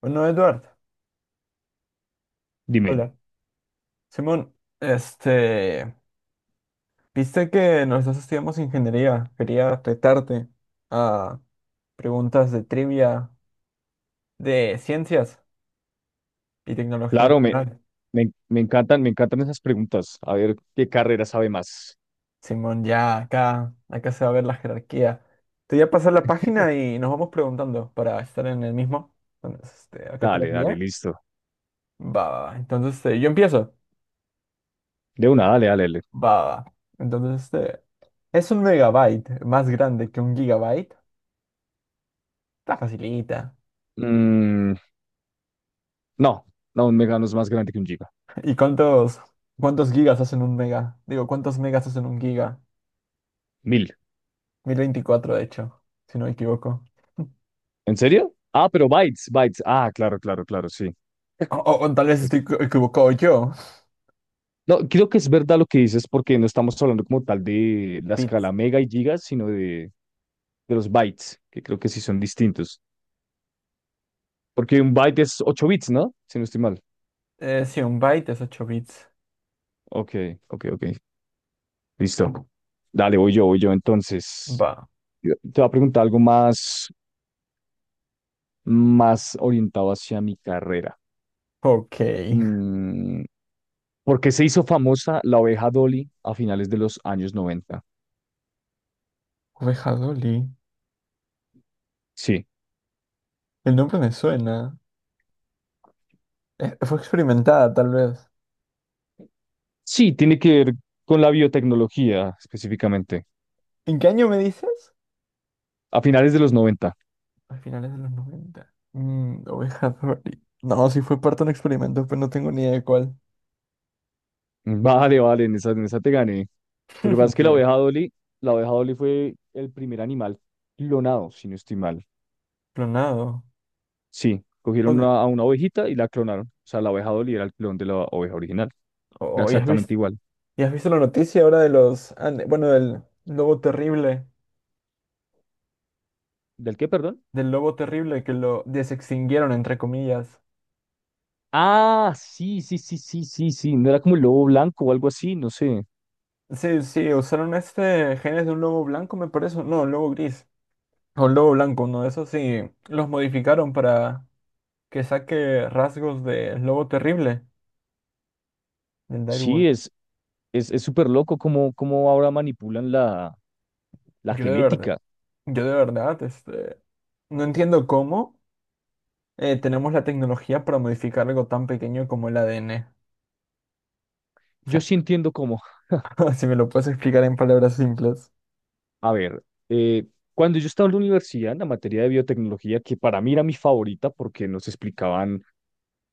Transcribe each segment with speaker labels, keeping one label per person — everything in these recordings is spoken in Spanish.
Speaker 1: Bueno, Eduardo,
Speaker 2: Dime.
Speaker 1: hola. Simón, este, viste que nosotros estudiamos ingeniería. Quería retarte a preguntas de trivia de ciencias y tecnología en
Speaker 2: Claro, me,
Speaker 1: general.
Speaker 2: me, me encantan, me encantan esas preguntas. A ver qué carrera sabe más.
Speaker 1: Simón, ya acá, se va a ver la jerarquía. Te voy a pasar la página y nos vamos preguntando para estar en el mismo. Entonces, acá te lo
Speaker 2: Dale, dale,
Speaker 1: envié.
Speaker 2: listo.
Speaker 1: Va. Entonces, yo empiezo.
Speaker 2: De una, dale, dale, dale.
Speaker 1: Va. Entonces, ¿es un megabyte más grande que un gigabyte? Está facilita.
Speaker 2: Mm, no, no, un Megano es más grande que un Giga.
Speaker 1: ¿Y cuántos gigas hacen un mega? Digo, ¿cuántos megas hacen un giga?
Speaker 2: Mil.
Speaker 1: Mil veinticuatro de hecho, si no me equivoco.
Speaker 2: ¿En serio? Ah, pero bytes, bytes. Ah, claro, claro, claro, sí.
Speaker 1: O tal vez
Speaker 2: Es
Speaker 1: estoy
Speaker 2: ver-
Speaker 1: equivocado yo.
Speaker 2: No, creo que es verdad lo que dices porque no estamos hablando como tal de la
Speaker 1: Bits.
Speaker 2: escala mega y gigas, sino de los bytes, que creo que sí son distintos. Porque un byte es 8 bits, ¿no? Si no estoy mal.
Speaker 1: Sí, un byte es ocho bits.
Speaker 2: Ok, ok, ok. Listo. Dale, voy yo entonces.
Speaker 1: Va.
Speaker 2: Yo te voy a preguntar algo más, más orientado hacia mi carrera.
Speaker 1: Ok.
Speaker 2: Mm, ¿Por qué se hizo famosa la oveja Dolly a finales de los años 90?
Speaker 1: Oveja Dolly.
Speaker 2: Sí,
Speaker 1: El nombre me suena. Fue experimentada, tal vez.
Speaker 2: sí, tiene que ver con la biotecnología específicamente.
Speaker 1: ¿En qué año me dices?
Speaker 2: A finales de los 90.
Speaker 1: A finales de los noventa. Mm, Oveja Dolly. No, sí fue parte de un experimento, pero no tengo ni idea de cuál.
Speaker 2: Vale, vale, en esa te gané. Lo que pasa es que
Speaker 1: Sí.
Speaker 2: la oveja Dolly fue el primer animal clonado, si no estoy mal.
Speaker 1: Clonado.
Speaker 2: Sí, cogieron
Speaker 1: Oye,
Speaker 2: a una ovejita y la clonaron. O sea, la oveja Dolly era el clon de la oveja original. Era
Speaker 1: oh, ya has visto.
Speaker 2: exactamente igual.
Speaker 1: ¿Y has visto la noticia ahora de los, bueno,
Speaker 2: ¿Del qué, perdón?
Speaker 1: del lobo terrible que lo desextinguieron, entre comillas?
Speaker 2: Ah, sí, sí, sí, sí, sí, sí. No era como el lobo blanco o algo así, no sé.
Speaker 1: Sí, sí, usaron genes de un lobo blanco, me parece, no, un lobo gris, o un lobo blanco, uno de esos, sí, los modificaron para que saque rasgos del lobo terrible, del
Speaker 2: Sí,
Speaker 1: direwolf.
Speaker 2: es, es súper loco cómo, cómo ahora manipulan la, la
Speaker 1: Yo de verdad,
Speaker 2: genética.
Speaker 1: yo de verdad, no entiendo cómo tenemos la tecnología para modificar algo tan pequeño como el ADN. O
Speaker 2: Yo
Speaker 1: sea,
Speaker 2: sí entiendo cómo.
Speaker 1: si me lo puedes explicar en palabras simples.
Speaker 2: A ver, eh, cuando yo estaba en la universidad, en la materia de biotecnología, que para mí era mi favorita porque nos explicaban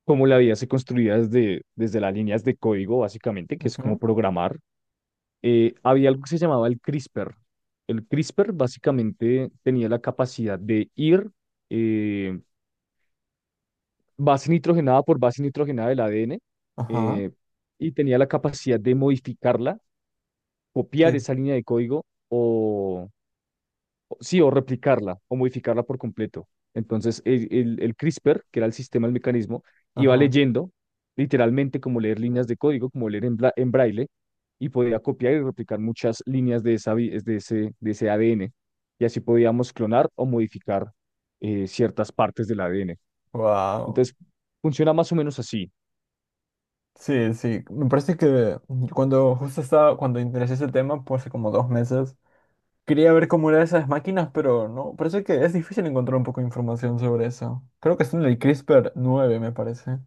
Speaker 2: cómo la vida se construía desde, desde las líneas de código, básicamente, que es como
Speaker 1: Ujú.
Speaker 2: programar, había algo que se llamaba el CRISPR. El CRISPR básicamente tenía la capacidad de ir... eh, base nitrogenada por base nitrogenada del ADN,
Speaker 1: Ajá,
Speaker 2: eh, y tenía la capacidad de modificarla,
Speaker 1: sí,
Speaker 2: copiar esa línea de código o, sí, o replicarla o modificarla por completo. Entonces, el, el CRISPR, que era el sistema, el mecanismo, iba
Speaker 1: ajá.
Speaker 2: leyendo literalmente como leer líneas de código, como leer en, en braille, y podía copiar y replicar muchas líneas de, esa, de ese ADN. Y así podíamos clonar o modificar ciertas partes del ADN.
Speaker 1: Wow.
Speaker 2: Entonces, funciona más o menos así.
Speaker 1: Sí, sí. Me parece que cuando justo estaba, cuando interesé ese tema, pues hace como dos meses, quería ver cómo eran esas máquinas, pero no, parece que es difícil encontrar un poco de información sobre eso. Creo que está en el CRISPR nueve me parece.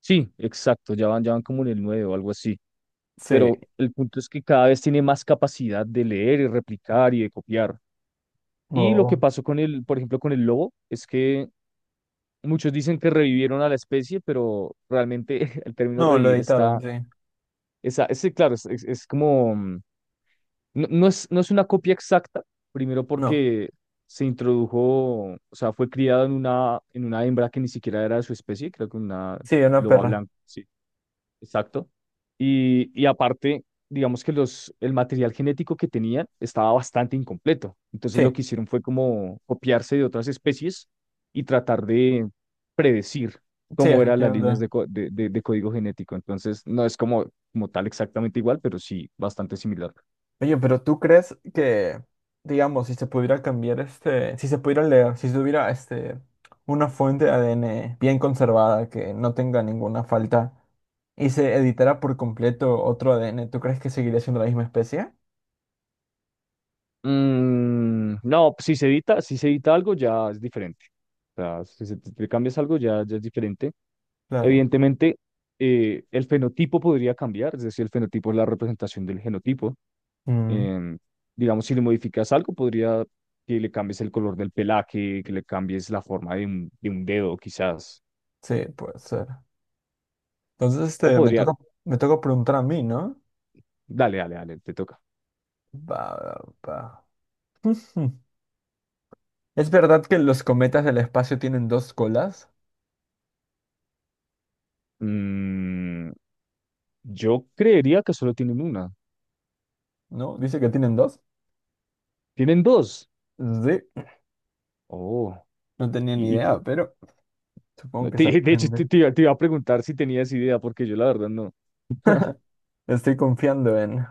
Speaker 2: Sí, exacto, ya van como en el 9 o algo así.
Speaker 1: Sí.
Speaker 2: Pero el punto es que cada vez tiene más capacidad de leer y replicar y de copiar. Y lo que
Speaker 1: Oh.
Speaker 2: pasó con el, por ejemplo, con el lobo, es que muchos dicen que revivieron a la especie, pero realmente el término
Speaker 1: No, lo
Speaker 2: revivir está,
Speaker 1: editaron, sí.
Speaker 2: esa, ese, claro, es, es como, no, no es, no es una copia exacta, primero
Speaker 1: No.
Speaker 2: porque se introdujo, o sea, fue criado en una hembra que ni siquiera era de su especie, creo que una
Speaker 1: Sí, una
Speaker 2: loba
Speaker 1: perra.
Speaker 2: blanca, sí. Exacto. Y aparte, digamos que los, el material genético que tenían estaba bastante incompleto. Entonces lo que
Speaker 1: Sí,
Speaker 2: hicieron fue como copiarse de otras especies y tratar de predecir
Speaker 1: sí,
Speaker 2: cómo eran las líneas
Speaker 1: efectivamente.
Speaker 2: de, de, de código genético. Entonces no es como, como tal exactamente igual, pero sí bastante similar.
Speaker 1: Oye, pero ¿tú crees que, digamos, si se pudiera cambiar si se pudiera leer, si tuviera una fuente de ADN bien conservada que no tenga ninguna falta y se editara por completo otro ADN, ¿tú crees que seguiría siendo la misma especie?
Speaker 2: No, pues, si se edita, si se edita algo ya es diferente. O sea, si le cambias algo ya, ya es diferente.
Speaker 1: Claro.
Speaker 2: Evidentemente, el fenotipo podría cambiar, es decir, el fenotipo es la representación del genotipo.
Speaker 1: Mm,
Speaker 2: Em, digamos, si le modificas algo, podría que le cambies el color del pelaje, que le cambies la forma de un dedo, quizás.
Speaker 1: sí, puede ser. Entonces,
Speaker 2: O
Speaker 1: me
Speaker 2: podría,
Speaker 1: toca, me toca preguntar a mí, ¿no?
Speaker 2: dale, dale, dale, te toca.
Speaker 1: Va, va. Ujú. ¿Es verdad que los cometas del espacio tienen dos colas?
Speaker 2: Mm, yo creería que solo tienen una.
Speaker 1: ¿No? Dice que tienen dos.
Speaker 2: Tienen dos.
Speaker 1: Sí,
Speaker 2: Oh,
Speaker 1: no tenía ni
Speaker 2: y,
Speaker 1: idea, pero... Supongo
Speaker 2: no,
Speaker 1: que se
Speaker 2: de hecho te,
Speaker 1: aprende.
Speaker 2: te iba a preguntar si tenías idea, porque yo la verdad no.
Speaker 1: Estoy confiando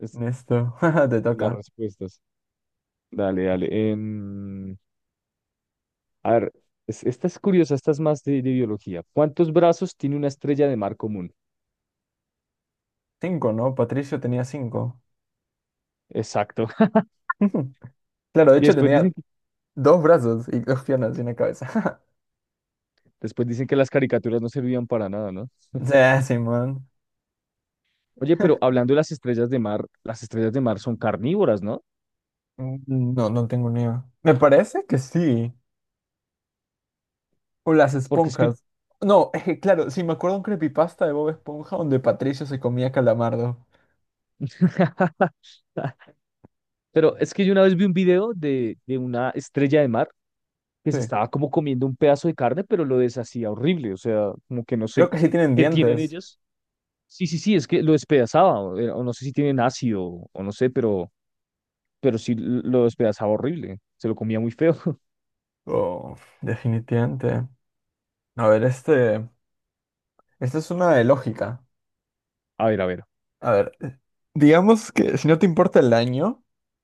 Speaker 2: Es
Speaker 1: en esto. Te
Speaker 2: las
Speaker 1: toca.
Speaker 2: respuestas. Dale, dale. A ver, esta es curiosa, esta es más de biología. ¿Cuántos brazos tiene una estrella de mar común?
Speaker 1: Cinco, ¿no? Patricio tenía cinco.
Speaker 2: Exacto.
Speaker 1: Claro, de
Speaker 2: Y
Speaker 1: hecho
Speaker 2: después
Speaker 1: tenía
Speaker 2: dicen,
Speaker 1: dos brazos y dos piernas y una cabeza.
Speaker 2: después dicen que las caricaturas no servían para nada, ¿no?
Speaker 1: Sí, Simón.
Speaker 2: Oye, pero hablando de las estrellas de mar, las estrellas de mar son carnívoras, ¿no?
Speaker 1: Mm, no, no tengo ni idea. Me parece que sí. O las
Speaker 2: Porque es que...
Speaker 1: esponjas. No, es que claro, sí, me acuerdo un creepypasta de Bob Esponja donde Patricio se comía calamardo.
Speaker 2: Pero es que yo una vez vi un video de una estrella de mar que
Speaker 1: Sí.
Speaker 2: se estaba como comiendo un pedazo de carne, pero lo deshacía horrible. O sea, como que no
Speaker 1: Creo
Speaker 2: sé
Speaker 1: que sí tienen
Speaker 2: qué tienen
Speaker 1: dientes.
Speaker 2: ellas. Sí, sí, sí, es que lo despedazaba. O, o no sé si tienen ácido o no sé, pero sí lo despedazaba horrible, se lo comía muy feo.
Speaker 1: Oh, definitivamente. A ver, este. Esta es una de lógica.
Speaker 2: A ver,
Speaker 1: A ver, digamos que si no te importa el año,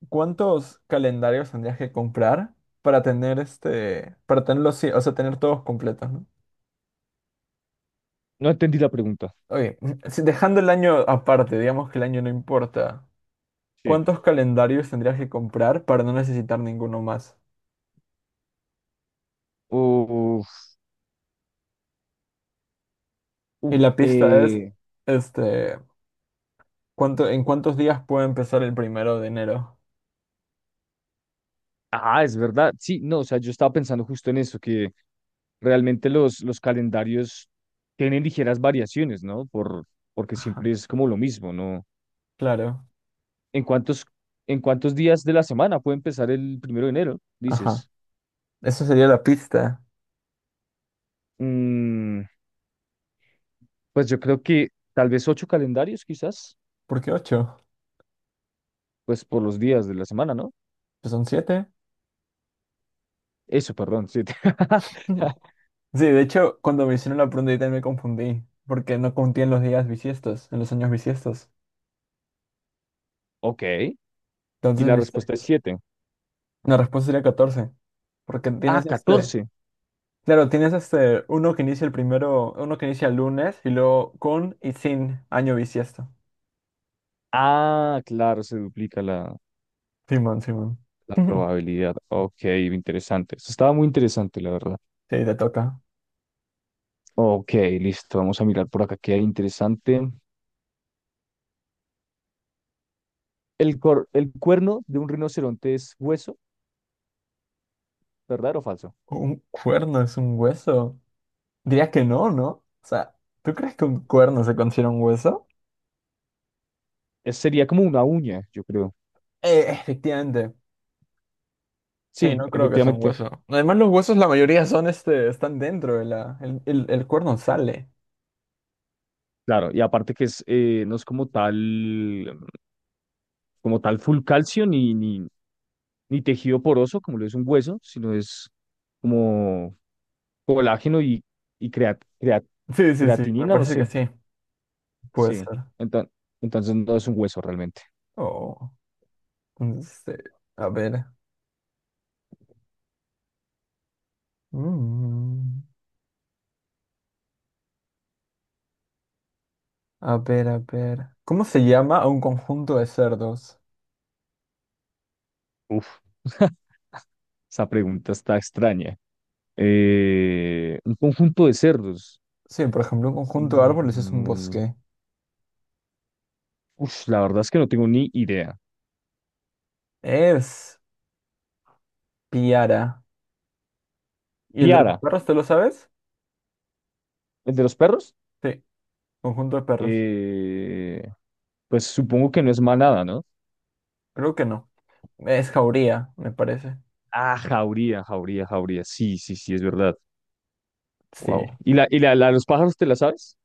Speaker 1: ¿cuántos calendarios tendrías que comprar para tener para tenerlos, sí, o sea, tener todos completos, ¿no?
Speaker 2: no entendí la pregunta.
Speaker 1: Oye, si dejando el año aparte, digamos que el año no importa,
Speaker 2: Sí.
Speaker 1: ¿cuántos calendarios tendrías que comprar para no necesitar ninguno más?
Speaker 2: Uf,
Speaker 1: Y
Speaker 2: uf,
Speaker 1: la pista es, este, ¿cuánto, en cuántos días puede empezar el primero de enero?
Speaker 2: ah, es verdad, sí, no, o sea, yo estaba pensando justo en eso, que realmente los calendarios tienen ligeras variaciones, ¿no? Por, porque
Speaker 1: Ajá,
Speaker 2: siempre es como lo mismo, ¿no?
Speaker 1: claro,
Speaker 2: ¿En cuántos, en cuántos días de la semana puede empezar el primero de enero,
Speaker 1: ajá.
Speaker 2: dices?
Speaker 1: Eso sería la pista.
Speaker 2: Mm, pues yo creo que tal vez ocho calendarios, quizás,
Speaker 1: ¿Por qué ocho?
Speaker 2: pues por los días de la semana, ¿no?
Speaker 1: Pues son siete.
Speaker 2: Eso, perdón, sí.
Speaker 1: Sí, de hecho, cuando me hicieron la pregunta también me confundí, porque no conté en los días bisiestos, en los años bisiestos.
Speaker 2: Ok. Y
Speaker 1: Entonces
Speaker 2: la respuesta es
Speaker 1: necesitaría...
Speaker 2: 7.
Speaker 1: La respuesta sería 14, porque
Speaker 2: Ah,
Speaker 1: tienes este...
Speaker 2: 14.
Speaker 1: Claro, tienes uno que inicia el primero, uno que inicia el lunes y luego con y sin año bisiesto.
Speaker 2: Ah, claro, se duplica la,
Speaker 1: Simón, Simón.
Speaker 2: la probabilidad. Ok, interesante. Eso estaba muy interesante, la verdad.
Speaker 1: Sí, te toca.
Speaker 2: Ok, listo. Vamos a mirar por acá qué hay interesante. El, el cuerno de un rinoceronte es hueso, ¿verdadero o falso?
Speaker 1: ¿Un cuerno es un hueso? Diría que no, ¿no? O sea, ¿tú crees que un cuerno se considera un hueso?
Speaker 2: Sería como una uña, yo creo.
Speaker 1: Efectivamente. Sí,
Speaker 2: Sí,
Speaker 1: no creo que sea un
Speaker 2: efectivamente.
Speaker 1: hueso. Además, los huesos, la mayoría son están dentro de la. El cuerno sale.
Speaker 2: Claro, y aparte que es, no es como tal full calcio ni, ni, ni tejido poroso, como lo es un hueso, sino es como colágeno y
Speaker 1: Sí, sí, sí, me
Speaker 2: creatinina, no
Speaker 1: parece que
Speaker 2: sé.
Speaker 1: sí. Puede
Speaker 2: Sí.
Speaker 1: ser.
Speaker 2: Entonces, entonces no es un hueso realmente.
Speaker 1: Oh. Este, a ver. Mm, a ver. ¿Cómo se llama a un conjunto de cerdos?
Speaker 2: Uf, esa pregunta está extraña. Un conjunto de cerdos.
Speaker 1: Sí, por ejemplo, un conjunto de árboles es un
Speaker 2: Mm,
Speaker 1: bosque.
Speaker 2: Uf, la verdad es que no tengo ni idea.
Speaker 1: Es piara. ¿Y el de los
Speaker 2: Piara,
Speaker 1: perros, te lo sabes?
Speaker 2: ¿el de los perros?
Speaker 1: Sí, conjunto de perros.
Speaker 2: Eh, pues supongo que no es manada, ¿no?
Speaker 1: Creo que no. Es jauría, me parece.
Speaker 2: Ah, jauría, jauría, jauría. Sí, sí, sí, es verdad. Wow.
Speaker 1: Sí.
Speaker 2: Y la, la de los pájaros te la sabes?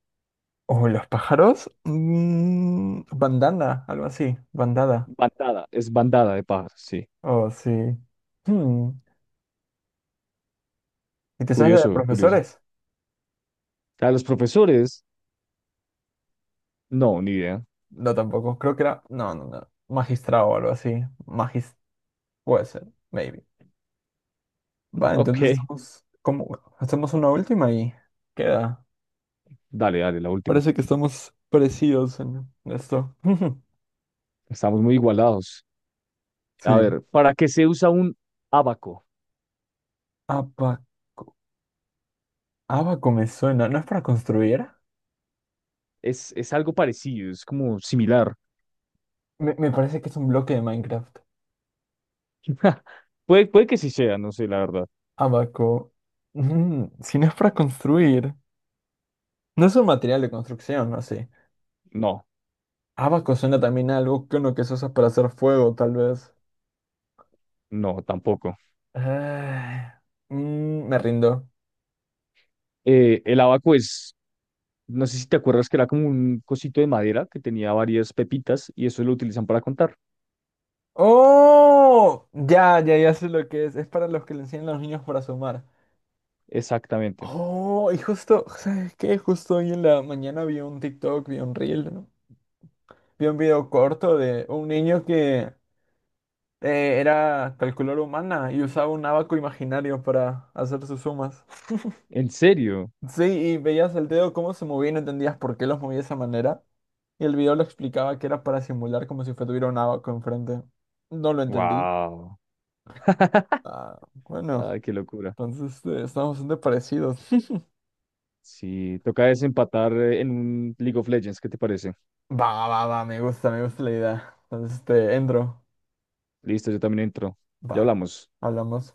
Speaker 1: ¿O los pájaros? Mm, bandana, algo así. Bandada.
Speaker 2: Bandada, es bandada de pájaros, sí.
Speaker 1: Oh, sí. Hmm. ¿Y te sabes de
Speaker 2: Curioso, curioso.
Speaker 1: profesores?
Speaker 2: A los profesores, no, ni idea.
Speaker 1: No, tampoco. Creo que era. No. Magistrado o algo así. Magis. Puede ser. Maybe. Va,
Speaker 2: Ok,
Speaker 1: entonces estamos. Como Hacemos una última y queda.
Speaker 2: dale, dale, la última.
Speaker 1: Parece que estamos parecidos en esto.
Speaker 2: Estamos muy igualados. A
Speaker 1: Sí.
Speaker 2: ver, ¿para qué se usa un abaco?
Speaker 1: Abaco. Abaco me suena. ¿No es para construir?
Speaker 2: Es algo parecido, es como similar.
Speaker 1: Me parece que es un bloque de Minecraft.
Speaker 2: Puede, puede que sí sea, no sé, la verdad.
Speaker 1: Abaco. Mm, si no es para construir. No es un material de construcción, no sé.
Speaker 2: No,
Speaker 1: Abaco suena también a algo que uno que se usa para hacer fuego, tal vez.
Speaker 2: no, tampoco.
Speaker 1: Ah, mm, me rindo.
Speaker 2: El abaco es, no sé si te acuerdas que era como un cosito de madera que tenía varias pepitas y eso lo utilizan para contar.
Speaker 1: ¡Oh! Ya sé lo que es. Es para los que le enseñan a los niños para sumar.
Speaker 2: Exactamente.
Speaker 1: Oh, y justo, ¿sabes qué? Justo hoy en la mañana vi un TikTok, vi un reel, ¿no? Vi un video corto de un niño que era calculadora humana y usaba un abaco imaginario para hacer sus sumas.
Speaker 2: ¿En serio?
Speaker 1: Sí, y veías el dedo cómo se movía y no entendías por qué los movía de esa manera. Y el video lo explicaba que era para simular como si fue- tuviera un abaco enfrente. No lo entendí.
Speaker 2: Wow.
Speaker 1: Ah, bueno,
Speaker 2: Ay, qué locura.
Speaker 1: entonces estamos bastante parecidos.
Speaker 2: Sí, toca desempatar en un League of Legends, ¿qué te parece?
Speaker 1: Va, me gusta la idea. Entonces, entro.
Speaker 2: Listo, yo también entro. Ya
Speaker 1: Va,
Speaker 2: hablamos.
Speaker 1: hablamos.